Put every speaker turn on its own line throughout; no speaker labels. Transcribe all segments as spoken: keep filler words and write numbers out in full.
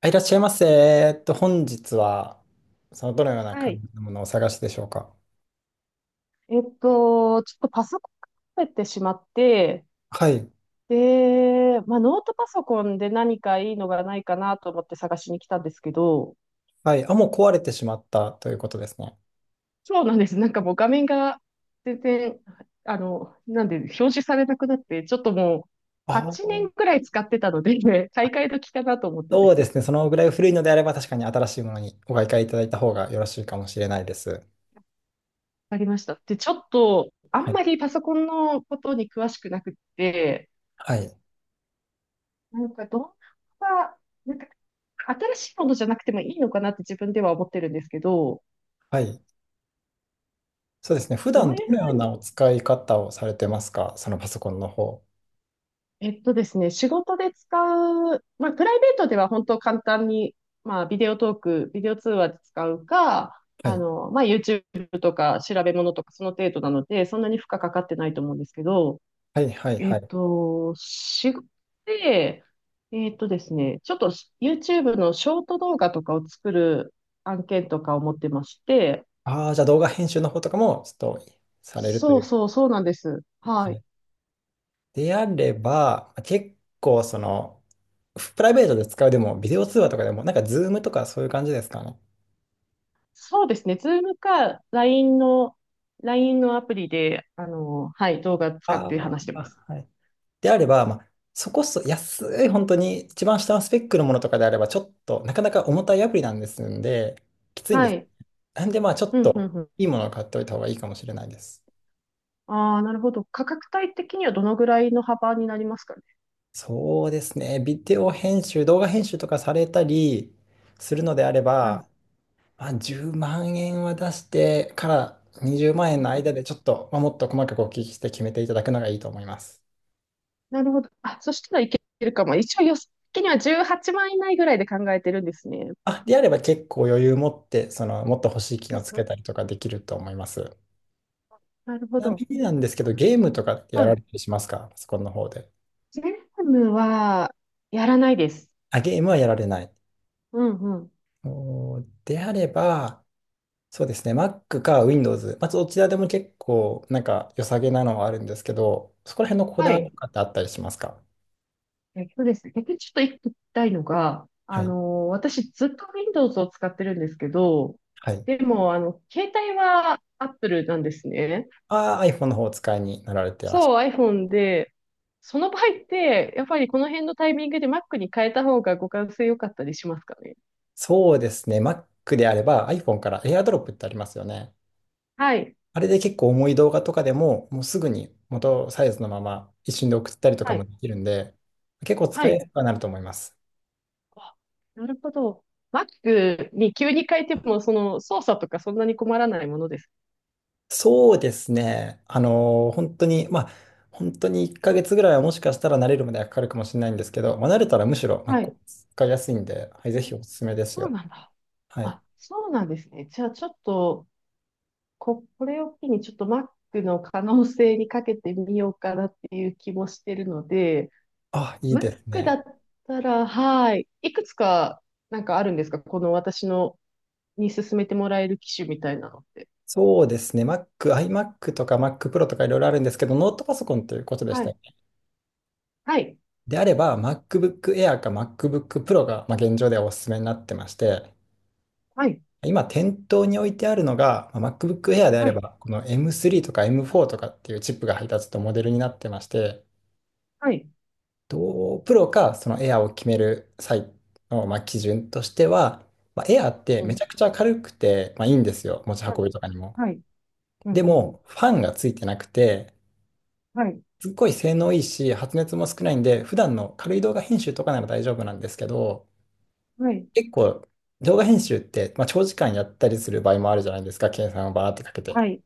あ、いらっしゃいませ。えっと、本日は、その、どのような
は
感
い。
じのものをお探しでしょうか？
えっと、ちょっとパソコンを壊ってしまって、
はい。
で、まあ、ノートパソコンで何かいいのがないかなと思って探しに来たんですけど、
はい。あ、もう壊れてしまったということですね。
そうなんです。なんかもう画面が全然、あの、なんで、表示されなくなって、ちょっともう
あ
はちねんく
あ。
らい使ってたので、買い替え時かなと思ってで
そう
す
ですね。
ね。
そのぐらい古いのであれば、確かに新しいものにお買い替えいただいた方がよろしいかもしれないです。
わかりました。で、ちょっと、あ
は
ん
い。
まりパソコンのことに詳しくなくって、
はい。
なんか動画は、なんか新しいものじゃなくてもいいのかなって自分では思ってるんですけど、
はい。そうですね。普
ど
段
うい
ど
う
のよう
ふう
な
に、
お使い方をされてますか、そのパソコンの方？
えっとですね、仕事で使う、まあ、プライベートでは本当簡単に、まあ、ビデオトーク、ビデオ通話で使うか、
は
あ
い。
の、まあ、YouTube とか調べ物とかその程度なので、そんなに負荷かかってないと思うんですけど、
はい、はい、
え
は
っ
い。
と、仕事で、えっとですね、ちょっと YouTube のショート動画とかを作る案件とかを持ってまして、
ああ、じゃあ動画編集の方とかも、ちょっと、されると
そ
い
う
う。
そう、そうなんです。はい。
であれば、結構その、プライベートで使うでも、ビデオ通話とかでも、なんかズームとかそういう感じですかね？
そうですね。ズームか、ライン の、ライン のアプリで、あの、はい、動画使って
あ
話してます。
あ、はい。であれば、まあ、そこそ安い、本当に一番下のスペックのものとかであれば、ちょっとなかなか重たいアプリなんですんで、きついんで
は
す。
い。
なんで、まあ、ちょ
う
っ
ん、う
と
ん、うん。
いいものを買っておいた方がいいかもしれないです。
ああ、なるほど。価格帯的にはどのぐらいの幅になりますかね？
そうですね。ビデオ編集、動画編集とかされたりするのであれ
はい。
ば、まあ、じゅうまん円は出してからにじゅうまん
う
円
ん、
の
うん、
間でちょっと、まあ、もっと細かくお聞きして決めていただくのがいいと思います。
なるほど。あ、そしたらいけるかも。一応予算的にはじゅうはちまん以内ぐらいで考えてるんですね。
あ、であれば結構余裕持って、その、もっと欲しい機
う
能
ん、
つ
う
け
ん。
たりとかできると思います。
なる
ち
ほ
なみ
ど。
になんですけ
そ
ど、ゲームとかってや
は
られ
い。
たりしますか、パソコンの方で？
ジェームはやらないです。
あ、ゲームはやられない。
うん、うん。
おー、であれば、そうですね、Mac か Windows、まあ、どちらでも結構なんか良さげなのはあるんですけど、そこら辺のこ
は
だわり
い。
とかってあったりしますか？
えっとですね、逆にちょっと一個聞きたいのが、
は
あ
い。
の、私ずっと Windows を使ってるんですけど、
はい。
でも、あの、携帯は Apple なんですね。
ああ、iPhone の方をお使いになられてらっしゃ
そ
る。
う、iPhone で、その場合って、やっぱりこの辺のタイミングで Mac に変えた方が互換性良かったりしますかね？
そうですね。Mac であれば iPhone から AirDrop ってありますよね。
はい、
あれで結構重い動画とかでも、もうすぐに元サイズのまま一瞬で送ったりとか
は
も
い、
できるんで、結構
は
使いや
い。
すくはなると思います。
あ、なるほど。Mac に急に変えても、その操作とかそんなに困らないものです。
そうですね。あのー本当に、まあ、本当にいっかげつぐらいはもしかしたら慣れるまではかかるかもしれないんですけど、まあ、慣れたらむしろ
は
Mac
い。
使いやすいんで、はい、ぜひおすすめです
そう
よ。
なんだ。
はい。
あ、そうなんですね。じゃあちょっと、こ、これを機にちょっと Mac の可能性にかけてみようかなっていう気もしてるので、
あ、いいです
Mac だ
ね。
ったら、はい、いくつかなんかあるんですかこの私のに勧めてもらえる機種みたいなのって？
そうですね。Mac、iMac とか Mac Pro とかいろいろあるんですけど、ノートパソコンということでし
は
た
い、
よね。
はい、
であれば、MacBook Air か MacBook Pro が、まあ、現状ではおすすめになってまして、
はい、
今、店頭に置いてあるのが、まあ MacBook Air であ
は
れ
い、
ば、この エムスリー とか エムフォー とかっていうチップが配達とモデルになってまして、
はい、
と、p r かその Air を決める際の、まあ、基準としては、まあ、Air って
う
め
ん、
ちゃくちゃ軽くて、まあ、いいんですよ、持ち
は
運び
い、
とかにも。
はい、う
で
ん、うん、
も、ファンがついてなくて、
はい、
すっごい性能いいし、発熱も少ないんで、普段の軽い動画編集とかなら大丈夫なんですけど、
はい、
結構動画編集って、まあ、長時間やったりする場合もあるじゃないですか、計算をバーってかけて。
はい、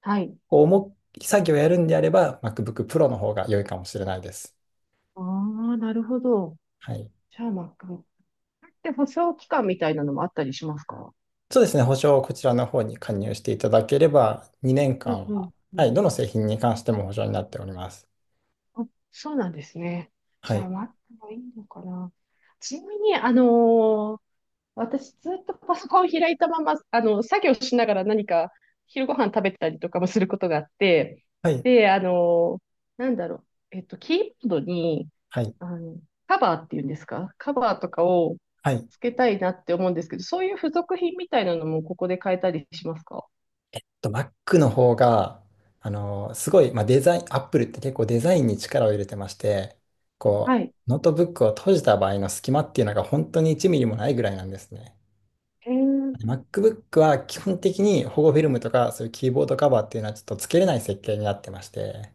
はい。
こう重い作業をやるんであれば、MacBook Pro の方が良いかもしれないです。
ああ、なるほど。
はい。
じゃあ Mac。で、保証期間みたいなのもあったりしますか？
そうですね、保証をこちらの方に加入していただければ、2
う
年
ん、
間
うん、
は、
う
はい、
ん。
どの製品に関しても保証になっております。
あ、そうなんですね。じ
は
ゃあ、
い。
待った方がいいのかな。ちなみに、あのー私ずっとパソコン開いたまま、あの、作業しながら何か昼ご飯食べたりとかもすることがあって、
はい。
で、あのーなんだろう、えっと、キーボードに、
はい。
あの、カバーっていうんですか、カバーとかを
はい。
つけたいなって思うんですけど、そういう付属品みたいなのもここで買えたりしますか？
と Mac の方が、あの、すごい、まあ、デザイン、Apple って結構デザインに力を入れてまして、
は
こ
い。
う、ノートブックを閉じた場合の隙間っていうのが本当にいちミリもないぐらいなんですね。
えー、
で MacBook は基本的に保護フィルムとかそういうキーボードカバーっていうのはちょっとつけれない設計になってまして、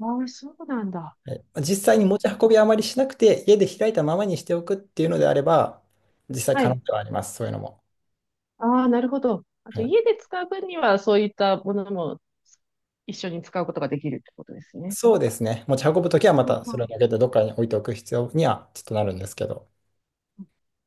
ああ、そうなんだ。
はい、まあ実際に
あ
持ち
あ、
運びあまりしなくて家で開いたままにしておくっていうのであれば、実際
は
可能
い。
ではあります、そういうのも。
ああ、なるほど。あ
は
と、
い、
家で使う分には、そういったものも一緒に使うことができるってことですね。
そうですね。持ち運ぶときはま
ほう
た
ほう
それ
ほ
を
う。
だけでどっかに置いておく必要にはちょっとなるんですけど。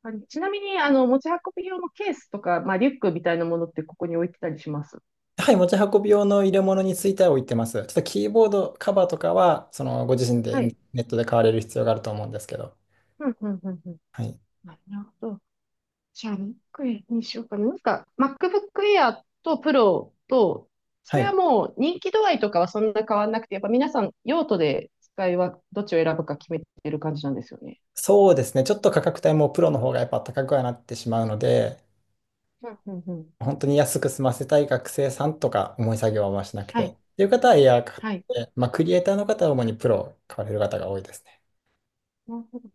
あれ、ちなみに、あの、持ち運び用のケースとか、まあ、リュックみたいなものってここに置いてたりします。
はい、持ち運び用の入れ物については置いてます。ちょっとキーボードカバーとかは、そのご自身で
はい。
ネットで買われる必要があると思うんですけど。
うん、うん、うん、うん。
はい。
なるほど。じゃあ、MacBook にしようかな。なんか、MacBook Air と Pro と、そ
は
れは
い。
もう人気度合いとかはそんな変わんなくて、やっぱ皆さん用途で使いはどっちを選ぶか決めてる感じなんですよね。
そうですね。ちょっと価格帯もプロの方がやっぱ高くはなってしまうので、
うん、うん、うん。
本当に安く済ませたい学生さんとか、重い作業はあんましなく
は
てっ
い。
ていう方はエアー買っ
はい。
て、まあ、クリエイターの方は主にプロを買われる方が多いですね。
なるほど、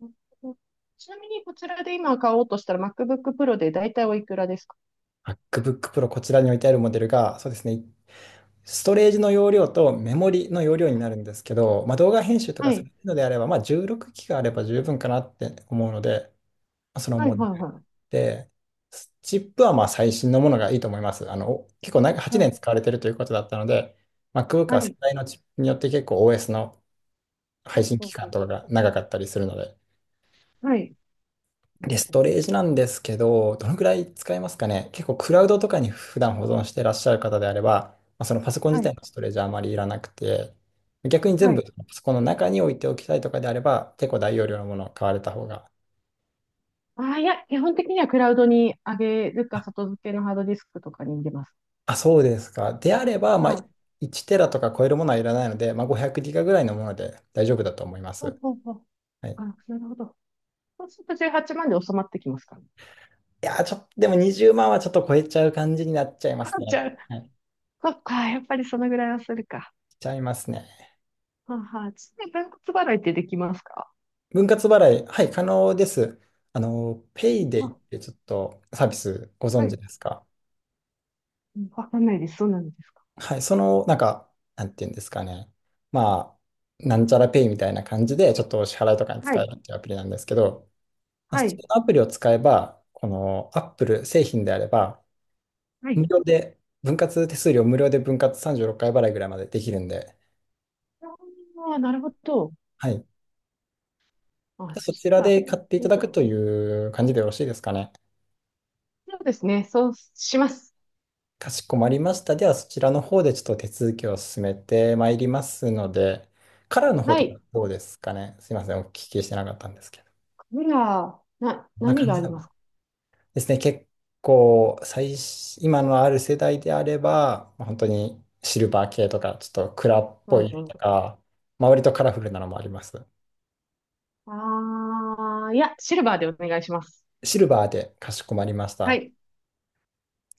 なるほど。ちなみにこちらで今買おうとしたら MacBook Pro で大体おいくらですか？
MacBook Pro こちらに置いてあるモデルが、そうですね。ストレージの容量とメモリの容量になるんですけど、まあ、動画編集と
は
かさ
い。
れるのであれば、まあ、じゅうろくギガあれば十分かなって思うので、まあその
はい、
モ
は
デ
い、
ル
はい。
で、チップはまあ最新のものがいいと思います。あの、お結構長8
はい、
年使われてるということだったので、MacBook は
は
世
い。
代のチップによって結構 オーエス の
う
配
ん、
信
う
期
ん、う
間
ん。
とかが長かったりするので、
はい。なる
で、
ほ
ス
ど。
トレージなんですけど、どのくらい使えますかね？結構クラウドとかに普段保存してらっしゃる方であれば、まあ、そのパソコン自
は
体
い、
のストレージはあまりいらなくて、逆に全
は
部
い。
パソコンの中に置いておきたいとかであれば、結構大容量のものを買われた方が。
ああ、いや、基本的にはクラウドに上げるか、
あ、
外付けのハードディスクとかに入れます。
あ、そうですか。であれば、まあ、
はい。
いちテラとか超えるものはいらないので、まあ、ごひゃくギガぐらいのもので大丈夫だと思いま
ほう
す。
ほうほう。
はい、
あ、
い
なるほど。そうするとじゅうはちまんで収まってきますかね？
やー、ちょっと、でもにじゅうまんはちょっと超えちゃう感じになっちゃいま
か
す
んち
ね。
ゃん。
はい、
そっか、やっぱりそのぐらいはするか。
ちゃいますね。
はあ、はあ、ちなみに分割払いってできますか？
分割払い、はい、可能です。あの、ペイデ
は、
イってちょっとサービスご存
は
知
い。
ですか？
わかんないです。そうなんですか？
はい、その、なんか、なんていうんですかね。まあ、なんちゃらペイみたいな感じで、ちょっとお支払いとかに
は
使え
い。
るっていうアプリなんですけど、まあ
は
そ
い。
のアプリを使えば、この Apple 製品であれば、
はい。
無料で、分割手数料無料で分割さんじゅうろっかい払いぐらいまでできるんで、
ああ、なるほど。
はい。
あ、そ
そ
し
ちら
たら、
で買ってい
い
た
い
だ
か
く
も。
という感じでよろしいですかね？
そうですね。そうします。
かしこまりました。では、そちらの方でちょっと手続きを進めてまいりますので、カラーの方
は
とか
い。
どうですかね？すいません、お聞きしてなかったんですけど。
カメラ、な、
こんな
何
感
があ
じ
り
な
ま
の
すか？
ですね。結構、最新、今のある世代であれば、まあ本当にシルバー系とか、ちょっと蔵っ
う
ぽ
ん、う
い
ん。
とか、まあ、割とカラフルなのもあります。
ああ、いや、シルバーでお願いします。
シルバーでかしこまりまし
は
た。
い。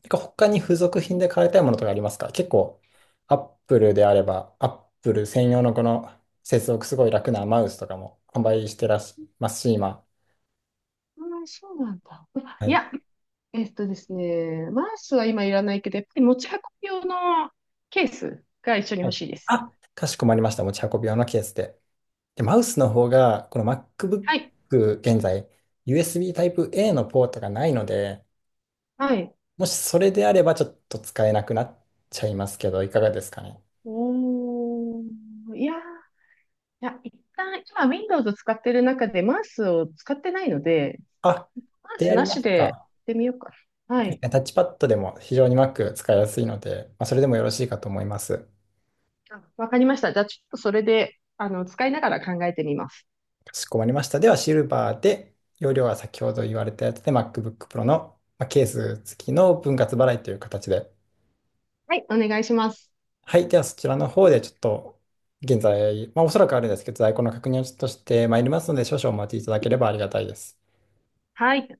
てか他に付属品で買いたいものとかありますか？結構、アップルであれば、アップル専用のこの接続すごい楽なマウスとかも販売してらっしゃいますし、今。
ああ、そうなんだ。
は
い
い。
や、えっとですね、マウスは今いらないけど、やっぱり持ち運び用のケースが一緒に
は
欲
い。
しいです。
あ、かしこまりました。持ち運び用のケースで。で、マウスの方が、この
はい。
MacBook 現在、ユーエスビー タイプ a のポートがないので、
はい。
もしそれであればちょっと使えなくなっちゃいますけど、いかがですかね？
おー、いやー、いや、一旦、今 Windows を使ってる中でマウスを使ってないので、
あ、
パン
で
ツ
あり
な
ま
し
す
でやっ
か。
てみようかな。はい。
タッチパッドでも非常に Mac 使いやすいので、まあ、それでもよろしいかと思います。
あ、わかりました。じゃあ、ちょっとそれで、あの、使いながら考えてみます。
かしこまりました。では、シルバーで、容量は先ほど言われたやつで MacBook Pro のまあケース付きの分割払いという形で。
はい、お願いします。
はい。では、そちらの方でちょっと、現在、まあ、おそらくあるんですけど、在庫の確認をちょっとしてまいりますので、少々お待ちいただければありがたいです。
はい。